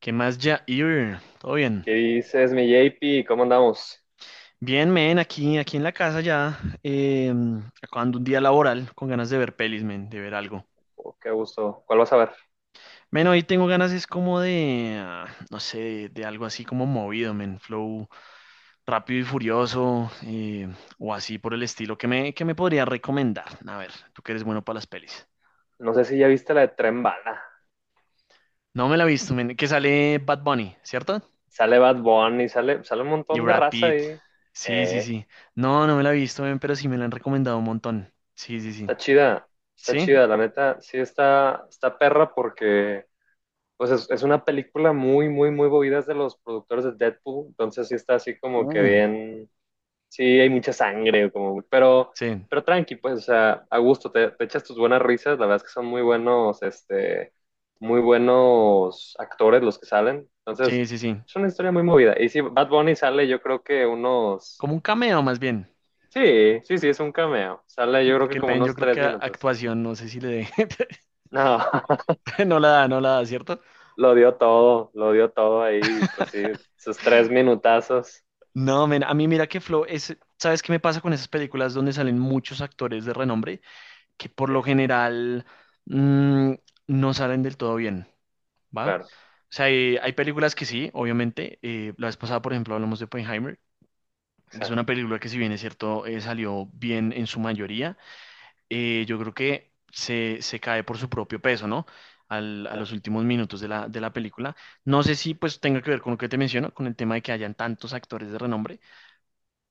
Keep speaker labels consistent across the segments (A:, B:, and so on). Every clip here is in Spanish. A: ¿Qué más, Jair? ¿Todo bien?
B: ¿Qué dices, mi JP? ¿Cómo andamos?
A: Bien, men, aquí en la casa ya, acabando un día laboral, con ganas de ver pelis, men, de ver algo.
B: Oh, qué gusto. ¿Cuál vas a ver?
A: Men, hoy tengo ganas, es como de, ah, no sé, de algo así como movido, men, flow rápido y furioso, o así por el estilo. ¿Qué me podría recomendar? A ver, tú que eres bueno para las pelis.
B: No sé si ya viste la de Tren Bala.
A: No me la he visto, men, que sale Bad Bunny, ¿cierto?
B: Sale Bad Bunny, sale un
A: Y
B: montón de
A: Brad
B: raza
A: Pitt.
B: ahí.
A: Sí, sí,
B: Eh,
A: sí. No, no me la he visto, men, pero sí me la han recomendado un montón. Sí, sí, sí.
B: está chida, está
A: Sí,
B: chida, la neta. Está perra porque es una película muy, muy, muy movida, es de los productores de Deadpool. Entonces sí está así como que
A: uh,
B: bien. Sí, hay mucha sangre, como,
A: sí,
B: pero tranqui, pues, o sea, a gusto, te echas tus buenas risas, la verdad es que son muy buenos, muy buenos actores los que salen, entonces,
A: sí, sí, sí.
B: es una historia muy movida. Y sí, Bad Bunny sale yo creo que unos,
A: Como un cameo más bien.
B: sí, sí, sí, es un cameo, sale yo creo que
A: Porque el
B: como
A: men yo
B: unos
A: creo
B: tres
A: que
B: minutos,
A: actuación, no sé si le dé,
B: no,
A: no la da, no la da, ¿cierto?
B: lo dio todo ahí, pues sí, sus tres minutazos,
A: No, men, a mí mira que Flow es, ¿sabes qué me pasa con esas películas donde salen muchos actores de renombre que por
B: sí,
A: lo general mm, no salen del todo bien, ¿va? O
B: claro,
A: sea, hay películas que sí, obviamente. La vez pasada, por ejemplo, hablamos de Oppenheimer, que es una
B: exacto,
A: película que, si bien es cierto, salió bien en su mayoría. Yo creo que se cae por su propio peso, ¿no? A los últimos minutos de la película. No sé si pues tenga que ver con lo que te menciono, con el tema de que hayan tantos actores de renombre,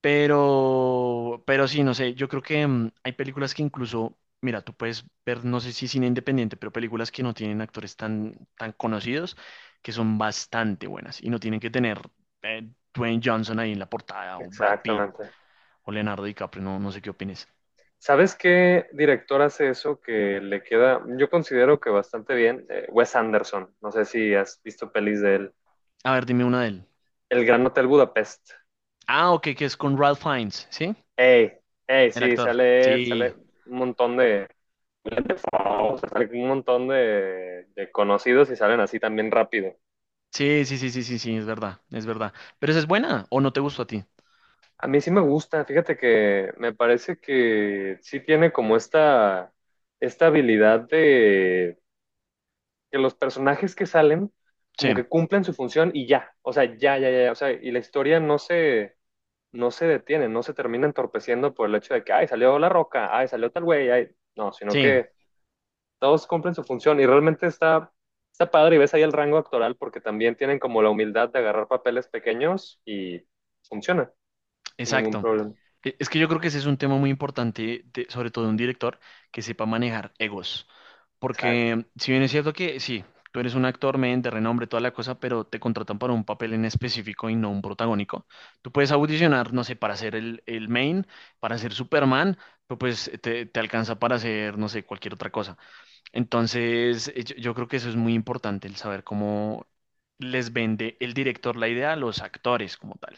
A: pero sí, no sé, yo creo que hay películas que, incluso, mira, tú puedes ver, no sé si cine independiente, pero películas que no tienen actores tan conocidos, que son bastante buenas y no tienen que tener Dwayne Johnson ahí en la portada, o Brad Pitt
B: exactamente.
A: o Leonardo DiCaprio, no sé qué opines.
B: ¿Sabes qué director hace eso que le queda, yo considero que bastante bien? Wes Anderson. No sé si has visto pelis de él.
A: A ver, dime una de él.
B: El Gran Hotel Budapest.
A: Ah, ok, que es con Ralph Fiennes, ¿sí?
B: Ey, ey,
A: El
B: sí,
A: actor.
B: sale él, sale
A: Sí,
B: un montón de, o sea, sale un montón de conocidos y salen así también rápido.
A: sí, sí, sí, sí, sí, sí, es verdad, es verdad. Pero esa es buena, ¿o no te gustó a ti?
B: A mí sí me gusta, fíjate que me parece que sí tiene como esta habilidad de que los personajes que salen
A: Sí,
B: como que cumplen su función y ya, o sea, ya, ya, ya, o sea, y la historia no se, no se detiene, no se termina entorpeciendo por el hecho de que, ay, salió La Roca, ay, salió tal güey, ay, no, sino
A: sí,
B: que todos cumplen su función y realmente está padre, y ves ahí el rango actoral porque también tienen como la humildad de agarrar papeles pequeños y funciona sin ningún
A: exacto.
B: problema.
A: Es que yo creo que ese es un tema muy importante, sobre todo de un director que sepa manejar egos.
B: Exacto.
A: Porque si bien es cierto que sí, tú eres un actor men de renombre, toda la cosa, pero te contratan para un papel en específico y no un protagónico. Tú puedes audicionar, no sé, para ser el main, para ser Superman, pero pues te alcanza para hacer, no sé, cualquier otra cosa. Entonces, yo creo que eso es muy importante, el saber cómo les vende el director la idea a los actores como tal.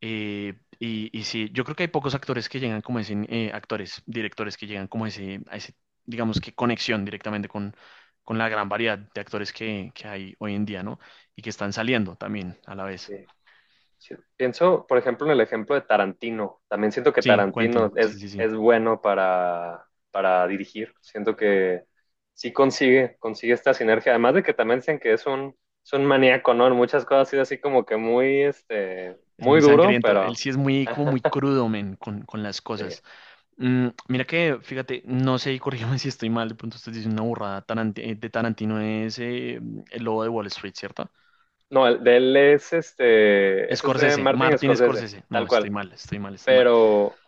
A: Eh, y sí, yo creo que hay pocos actores que llegan como ese, actores, directores que llegan como ese, digamos que conexión directamente con la gran variedad de actores que hay hoy en día, ¿no? Y que están saliendo también a la vez.
B: Sí. Sí, pienso, por ejemplo, en el ejemplo de Tarantino. También siento que
A: Sí,
B: Tarantino
A: Quentin, sí, sí, sí.
B: es bueno para dirigir. Siento que consigue esta sinergia. Además de que también dicen que es un maníaco, ¿no? En muchas cosas es así como que muy,
A: Es muy
B: muy duro,
A: sangriento. Él
B: pero
A: sí es muy, como muy crudo, men, con las
B: sí.
A: cosas. Mm, mira que, fíjate, no sé, y corrígeme si estoy mal, de pronto usted dice una burrada, de Tarantino es el lobo de Wall Street, ¿cierto?
B: No, el de él es, ese es de
A: Scorsese,
B: Martin
A: Martin
B: Scorsese,
A: Scorsese. No,
B: tal
A: estoy
B: cual.
A: mal, estoy mal, estoy mal.
B: Pero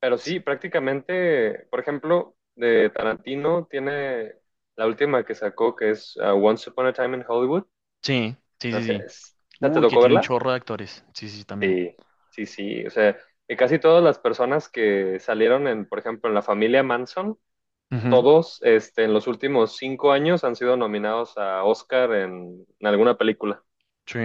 B: Pero
A: Sí,
B: sí, prácticamente, por ejemplo, de Tarantino tiene la última que sacó, que es Once Upon a Time in Hollywood.
A: sí, sí,
B: O
A: sí.
B: sea,
A: Sí.
B: es- ¿ya ¿te
A: Uy, que
B: tocó
A: tiene un
B: verla?
A: chorro de actores. Sí, sí, sí, también.
B: Sí, sí, sí. O sea, que casi todas las personas que salieron en, por ejemplo, en la familia Manson,
A: Ujú.
B: todos, en los últimos cinco años han sido nominados a Oscar en alguna película.
A: Sí,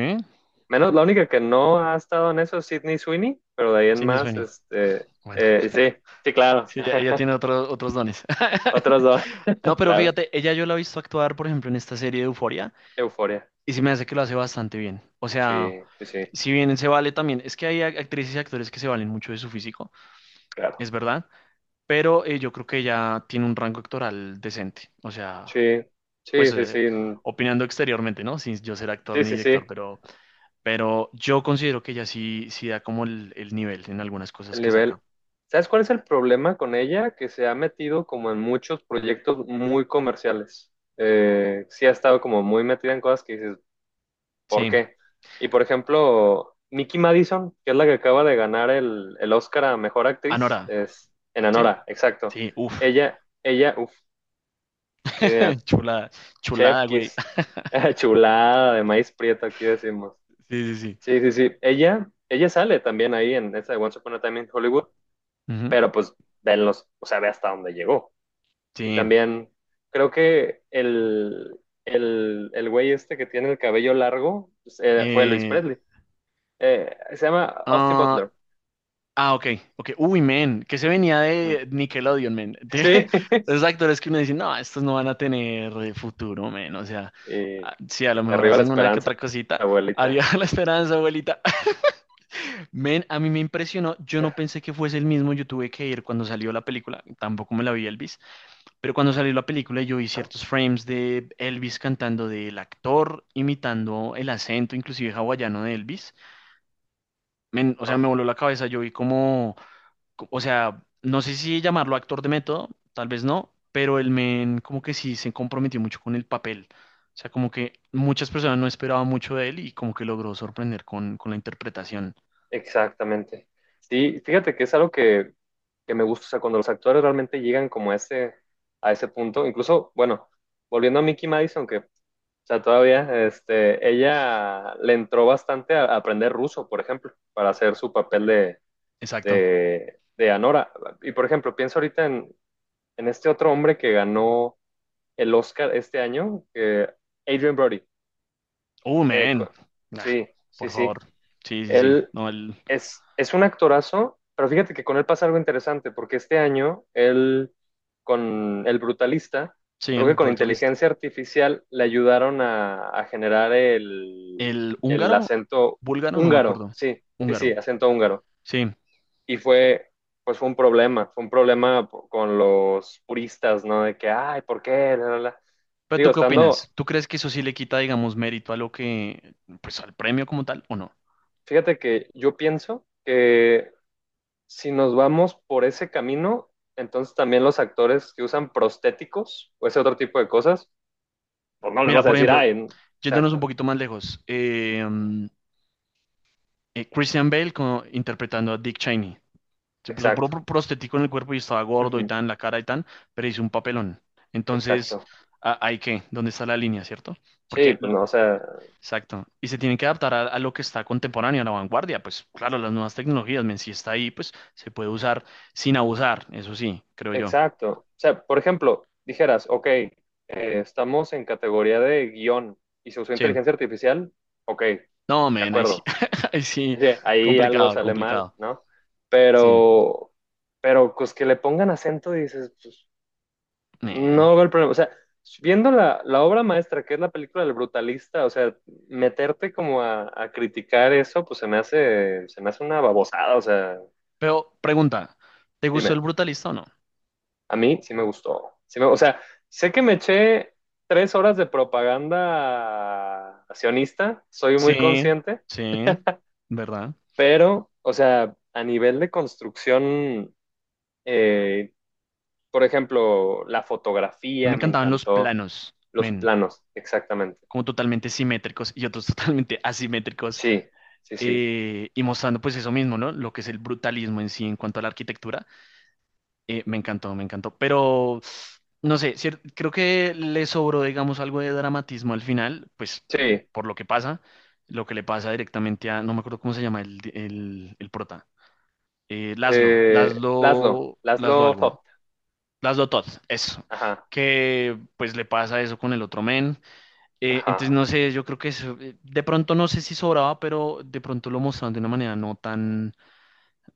B: Menos la única que no ha estado en eso es Sydney Sweeney, pero de ahí en
A: sí, me
B: más,
A: suena. Bueno,
B: sí, sí, claro.
A: sí, ella tiene otros otros dones.
B: Otros dos,
A: No, pero
B: claro.
A: fíjate, ella yo la he visto actuar, por ejemplo, en esta serie de Euforia.
B: Euforia.
A: Y se me hace que lo hace bastante bien. O
B: Sí,
A: sea,
B: sí, sí,
A: si bien se vale también, es que hay actrices y actores que se valen mucho de su físico,
B: claro.
A: es verdad, pero yo creo que ella tiene un rango actoral decente. O sea,
B: Sí,
A: pues
B: sí, sí, sí, mm,
A: opinando exteriormente, ¿no? Sin yo ser actor
B: sí,
A: ni
B: sí, sí,
A: director, pero yo considero que ella sí, sí da como el nivel en algunas cosas
B: el
A: que
B: nivel.
A: saca.
B: ¿Sabes cuál es el problema con ella? Que se ha metido como en muchos proyectos muy comerciales. Sí ha estado como muy metida en cosas que dices, ¿por
A: Sí,
B: qué? Y por ejemplo, Mickey Madison, que es la que acaba de ganar el Oscar a Mejor Actriz,
A: Anora,
B: es en
A: ¿sí?
B: Anora, exacto.
A: Sí, uff,
B: Ella, uff, sí, mira,
A: chulada,
B: Chef
A: chulada, güey.
B: Kiss, chulada de maíz prieto, aquí decimos.
A: Sí, sí, sí.
B: Sí, sí, sí. Ella sale también ahí en esa de Once Upon a Time in Hollywood,
A: Ujú.
B: pero pues venlos, o sea, ve hasta dónde llegó. Y
A: Sí.
B: también creo que el güey este que tiene el cabello largo pues, fue Luis
A: Eh,
B: Presley. Se llama Austin
A: ah,
B: Butler.
A: Ok, ok. Uy, men, que se venía
B: Mm.
A: de Nickelodeon, men. De
B: Sí.
A: esos actores que uno dice, no, estos no van a tener futuro, men. O sea,
B: Y, y
A: ah, sí, a lo mejor
B: arriba la
A: hacen una que
B: esperanza,
A: otra cosita. Arriba
B: abuelita.
A: la esperanza, abuelita. Men, a mí me impresionó. Yo no pensé que fuese el mismo. Yo tuve que ir cuando salió la película. Tampoco me la vi Elvis. Pero cuando salió la película, yo vi ciertos frames de Elvis cantando, del actor imitando el acento, inclusive hawaiano de Elvis. Men, o sea, me voló la cabeza. Yo vi como, o sea, no sé si llamarlo actor de método, tal vez no, pero el men como que sí se comprometió mucho con el papel. O sea, como que muchas personas no esperaban mucho de él y como que logró sorprender con la interpretación.
B: Exactamente. Sí, fíjate que es algo que me gusta, o sea, cuando los actores realmente llegan como a a ese punto, incluso, bueno, volviendo a Mickey Madison, que, o sea, todavía, ella le entró bastante a aprender ruso, por ejemplo, para hacer su papel
A: Exacto.
B: de Anora. Y, por ejemplo, pienso ahorita en este otro hombre que ganó el Oscar este año, que Adrian Brody.
A: Oh,
B: Eh,
A: man.
B: co-
A: Ah,
B: sí, sí,
A: por
B: sí.
A: favor. Sí, sí, sí.
B: Él
A: No, el...
B: es un actorazo, pero fíjate que con él pasa algo interesante, porque este año él, con El Brutalista,
A: Sí,
B: creo
A: el
B: que con
A: Brutalist.
B: inteligencia artificial le ayudaron a generar
A: El
B: el
A: húngaro,
B: acento
A: búlgaro, no me
B: húngaro,
A: acuerdo.
B: sí, sí, sí,
A: Húngaro.
B: acento húngaro.
A: Sí.
B: Y fue, pues fue un problema po- con los puristas, ¿no? De que, ay, ¿por qué? La, la, la".
A: Pero
B: Digo,
A: ¿tú qué
B: estando,
A: opinas? ¿Tú crees que eso sí le quita, digamos, mérito a lo que, pues al premio como tal, o no?
B: fíjate que yo pienso que si nos vamos por ese camino, entonces también los actores que usan prostéticos o ese otro tipo de cosas, pues no les
A: Mira,
B: vas a
A: por
B: decir,
A: ejemplo,
B: ay, n-
A: yéndonos un
B: exacto,
A: poquito más lejos, Christian Bale interpretando a Dick Cheney. Se puso
B: exacto,
A: prostético en el cuerpo y estaba gordo y
B: ujú,
A: tan, la cara y tan, pero hizo un papelón. Entonces,
B: exacto.
A: ¿ahí qué? ¿Dónde está la línea, cierto?
B: Sí,
A: Porque,
B: pues no, o sea,
A: exacto, y se tienen que adaptar a lo que está contemporáneo, a la vanguardia. Pues claro, las nuevas tecnologías, men, si está ahí, pues se puede usar sin abusar, eso sí, creo yo.
B: exacto. O sea, por ejemplo, dijeras, ok, estamos en categoría de guión y se usó
A: Sí,
B: inteligencia artificial, ok, de
A: no, men, ahí sí,
B: acuerdo.
A: ahí sí,
B: Sí, ahí algo
A: complicado,
B: sale mal,
A: complicado.
B: ¿no?
A: Sí,
B: Pero, pero pues que le pongan acento y dices, pues,
A: men.
B: no veo el problema. O sea, viendo la obra maestra, que es la película del brutalista, o sea, meterte como a criticar eso, pues se me hace una babosada. O sea,
A: Pero pregunta, ¿te gustó el
B: dime,
A: brutalista o no?
B: a mí sí me gustó. Sí me- o sea, sé que me eché tres horas de propaganda sionista, soy muy
A: Sí,
B: consciente,
A: sí, ¿verdad?
B: pero, o sea, a nivel de construcción, eh, por ejemplo, la
A: Me
B: fotografía me
A: encantaban los
B: encantó,
A: planos,
B: los
A: men,
B: planos, exactamente.
A: como totalmente simétricos y otros totalmente asimétricos,
B: Sí. Sí, sí.
A: y mostrando pues eso mismo, ¿no? Lo que es el brutalismo en sí en cuanto a la arquitectura. Me encantó, me encantó. Pero, no sé, creo que le sobró, digamos, algo de dramatismo al final, pues
B: Sí,
A: por lo que pasa, lo que le pasa directamente a, no me acuerdo cómo se llama el prota. Laszlo,
B: Laszlo,
A: Laszlo, Laszlo
B: Laszlo
A: algo, ¿no?
B: Toth.
A: Laszlo Todd, eso,
B: Ajá,
A: que pues le pasa eso con el otro men. Entonces
B: ajá,
A: no sé, yo creo que eso, de pronto no sé si sobraba, pero de pronto lo mostraron de una manera no tan,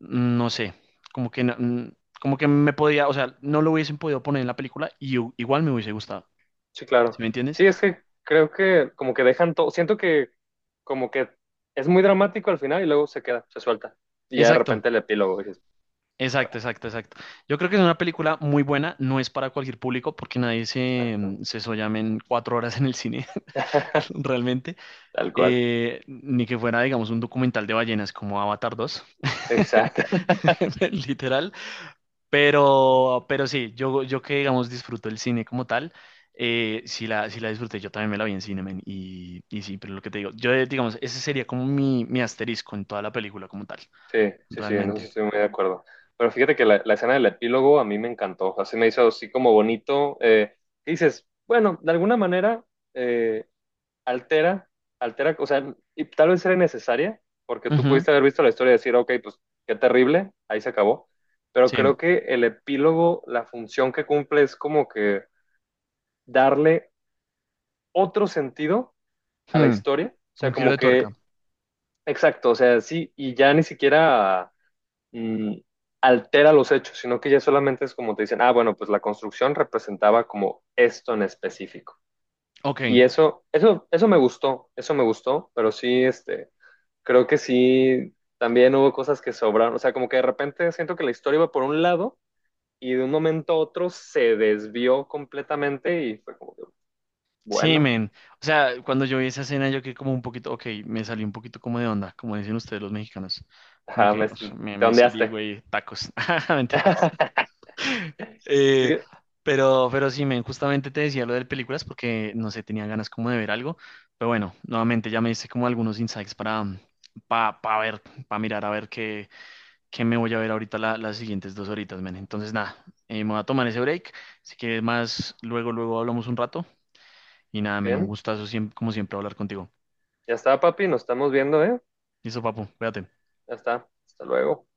A: no sé, como que, como que me podía, o sea, no lo hubiesen podido poner en la película y igual me hubiese gustado,
B: sí, claro.
A: ¿sí me entiendes?
B: Sí, es que creo que como que dejan todo, siento que como que es muy dramático al final y luego se suelta. Y ya de
A: Exacto.
B: repente el epílogo dices, a
A: Exacto,
B: ver,
A: exacto, exacto. Yo creo que es una película muy buena, no es para cualquier público porque nadie se,
B: exacto.
A: se sollame en 4 horas en el cine, realmente.
B: Tal cual.
A: Ni que fuera, digamos, un documental de ballenas como Avatar 2
B: Exacto.
A: literal. Pero sí, yo que, digamos, disfruto el cine como tal, sí la, sí la disfruté, yo también me la vi en cine, men, y sí, pero lo que te digo, digamos, ese sería como mi asterisco en toda la película como tal,
B: Sí, sí, sí, no sé si
A: realmente.
B: estoy muy de acuerdo. Pero fíjate que la escena del epílogo a mí me encantó. Así me hizo así como bonito. Y dices, bueno, de alguna manera, eh, altera, altera, o sea, y tal vez era necesaria, porque tú
A: Ujú,
B: pudiste haber visto la historia y decir, ok, pues qué terrible, ahí se acabó, pero
A: sí.
B: creo que el epílogo, la función que cumple es como que darle otro sentido a la
A: Hmm,
B: historia, o
A: un
B: sea,
A: giro
B: como
A: de tuerca.
B: que, exacto, o sea, sí, y ya ni siquiera mm, altera los hechos, sino que ya solamente es como te dicen, ah, bueno, pues la construcción representaba como esto en específico.
A: Ok.
B: Y eso me gustó, pero sí, creo que sí, también hubo cosas que sobraron, o sea, como que de repente siento que la historia iba por un lado y de un momento a otro se desvió completamente y fue como, que,
A: Sí,
B: bueno,
A: men. O sea, cuando yo vi esa escena, yo quedé como un poquito, ok, me salí un poquito como de onda, como dicen ustedes los mexicanos. Como
B: ajá,
A: que
B: me,
A: uf,
B: te
A: me salí,
B: ondeaste.
A: güey, tacos. Mentiras.
B: Sí,
A: Eh, pero sí, men, justamente te decía lo de películas porque, no sé, tenía ganas como de ver algo. Pero bueno, nuevamente ya me hice como algunos insights ver, para mirar a ver qué me voy a ver ahorita las siguientes 2 horitas, men. Entonces, nada, me voy a tomar ese break. Si quieres más, luego hablamos un rato. Y nada, men, un
B: bien,
A: gustazo siempre, como siempre hablar contigo.
B: ya está, papi, nos estamos viendo, ¿eh?
A: Listo, papu, cuídate.
B: Ya está, hasta luego.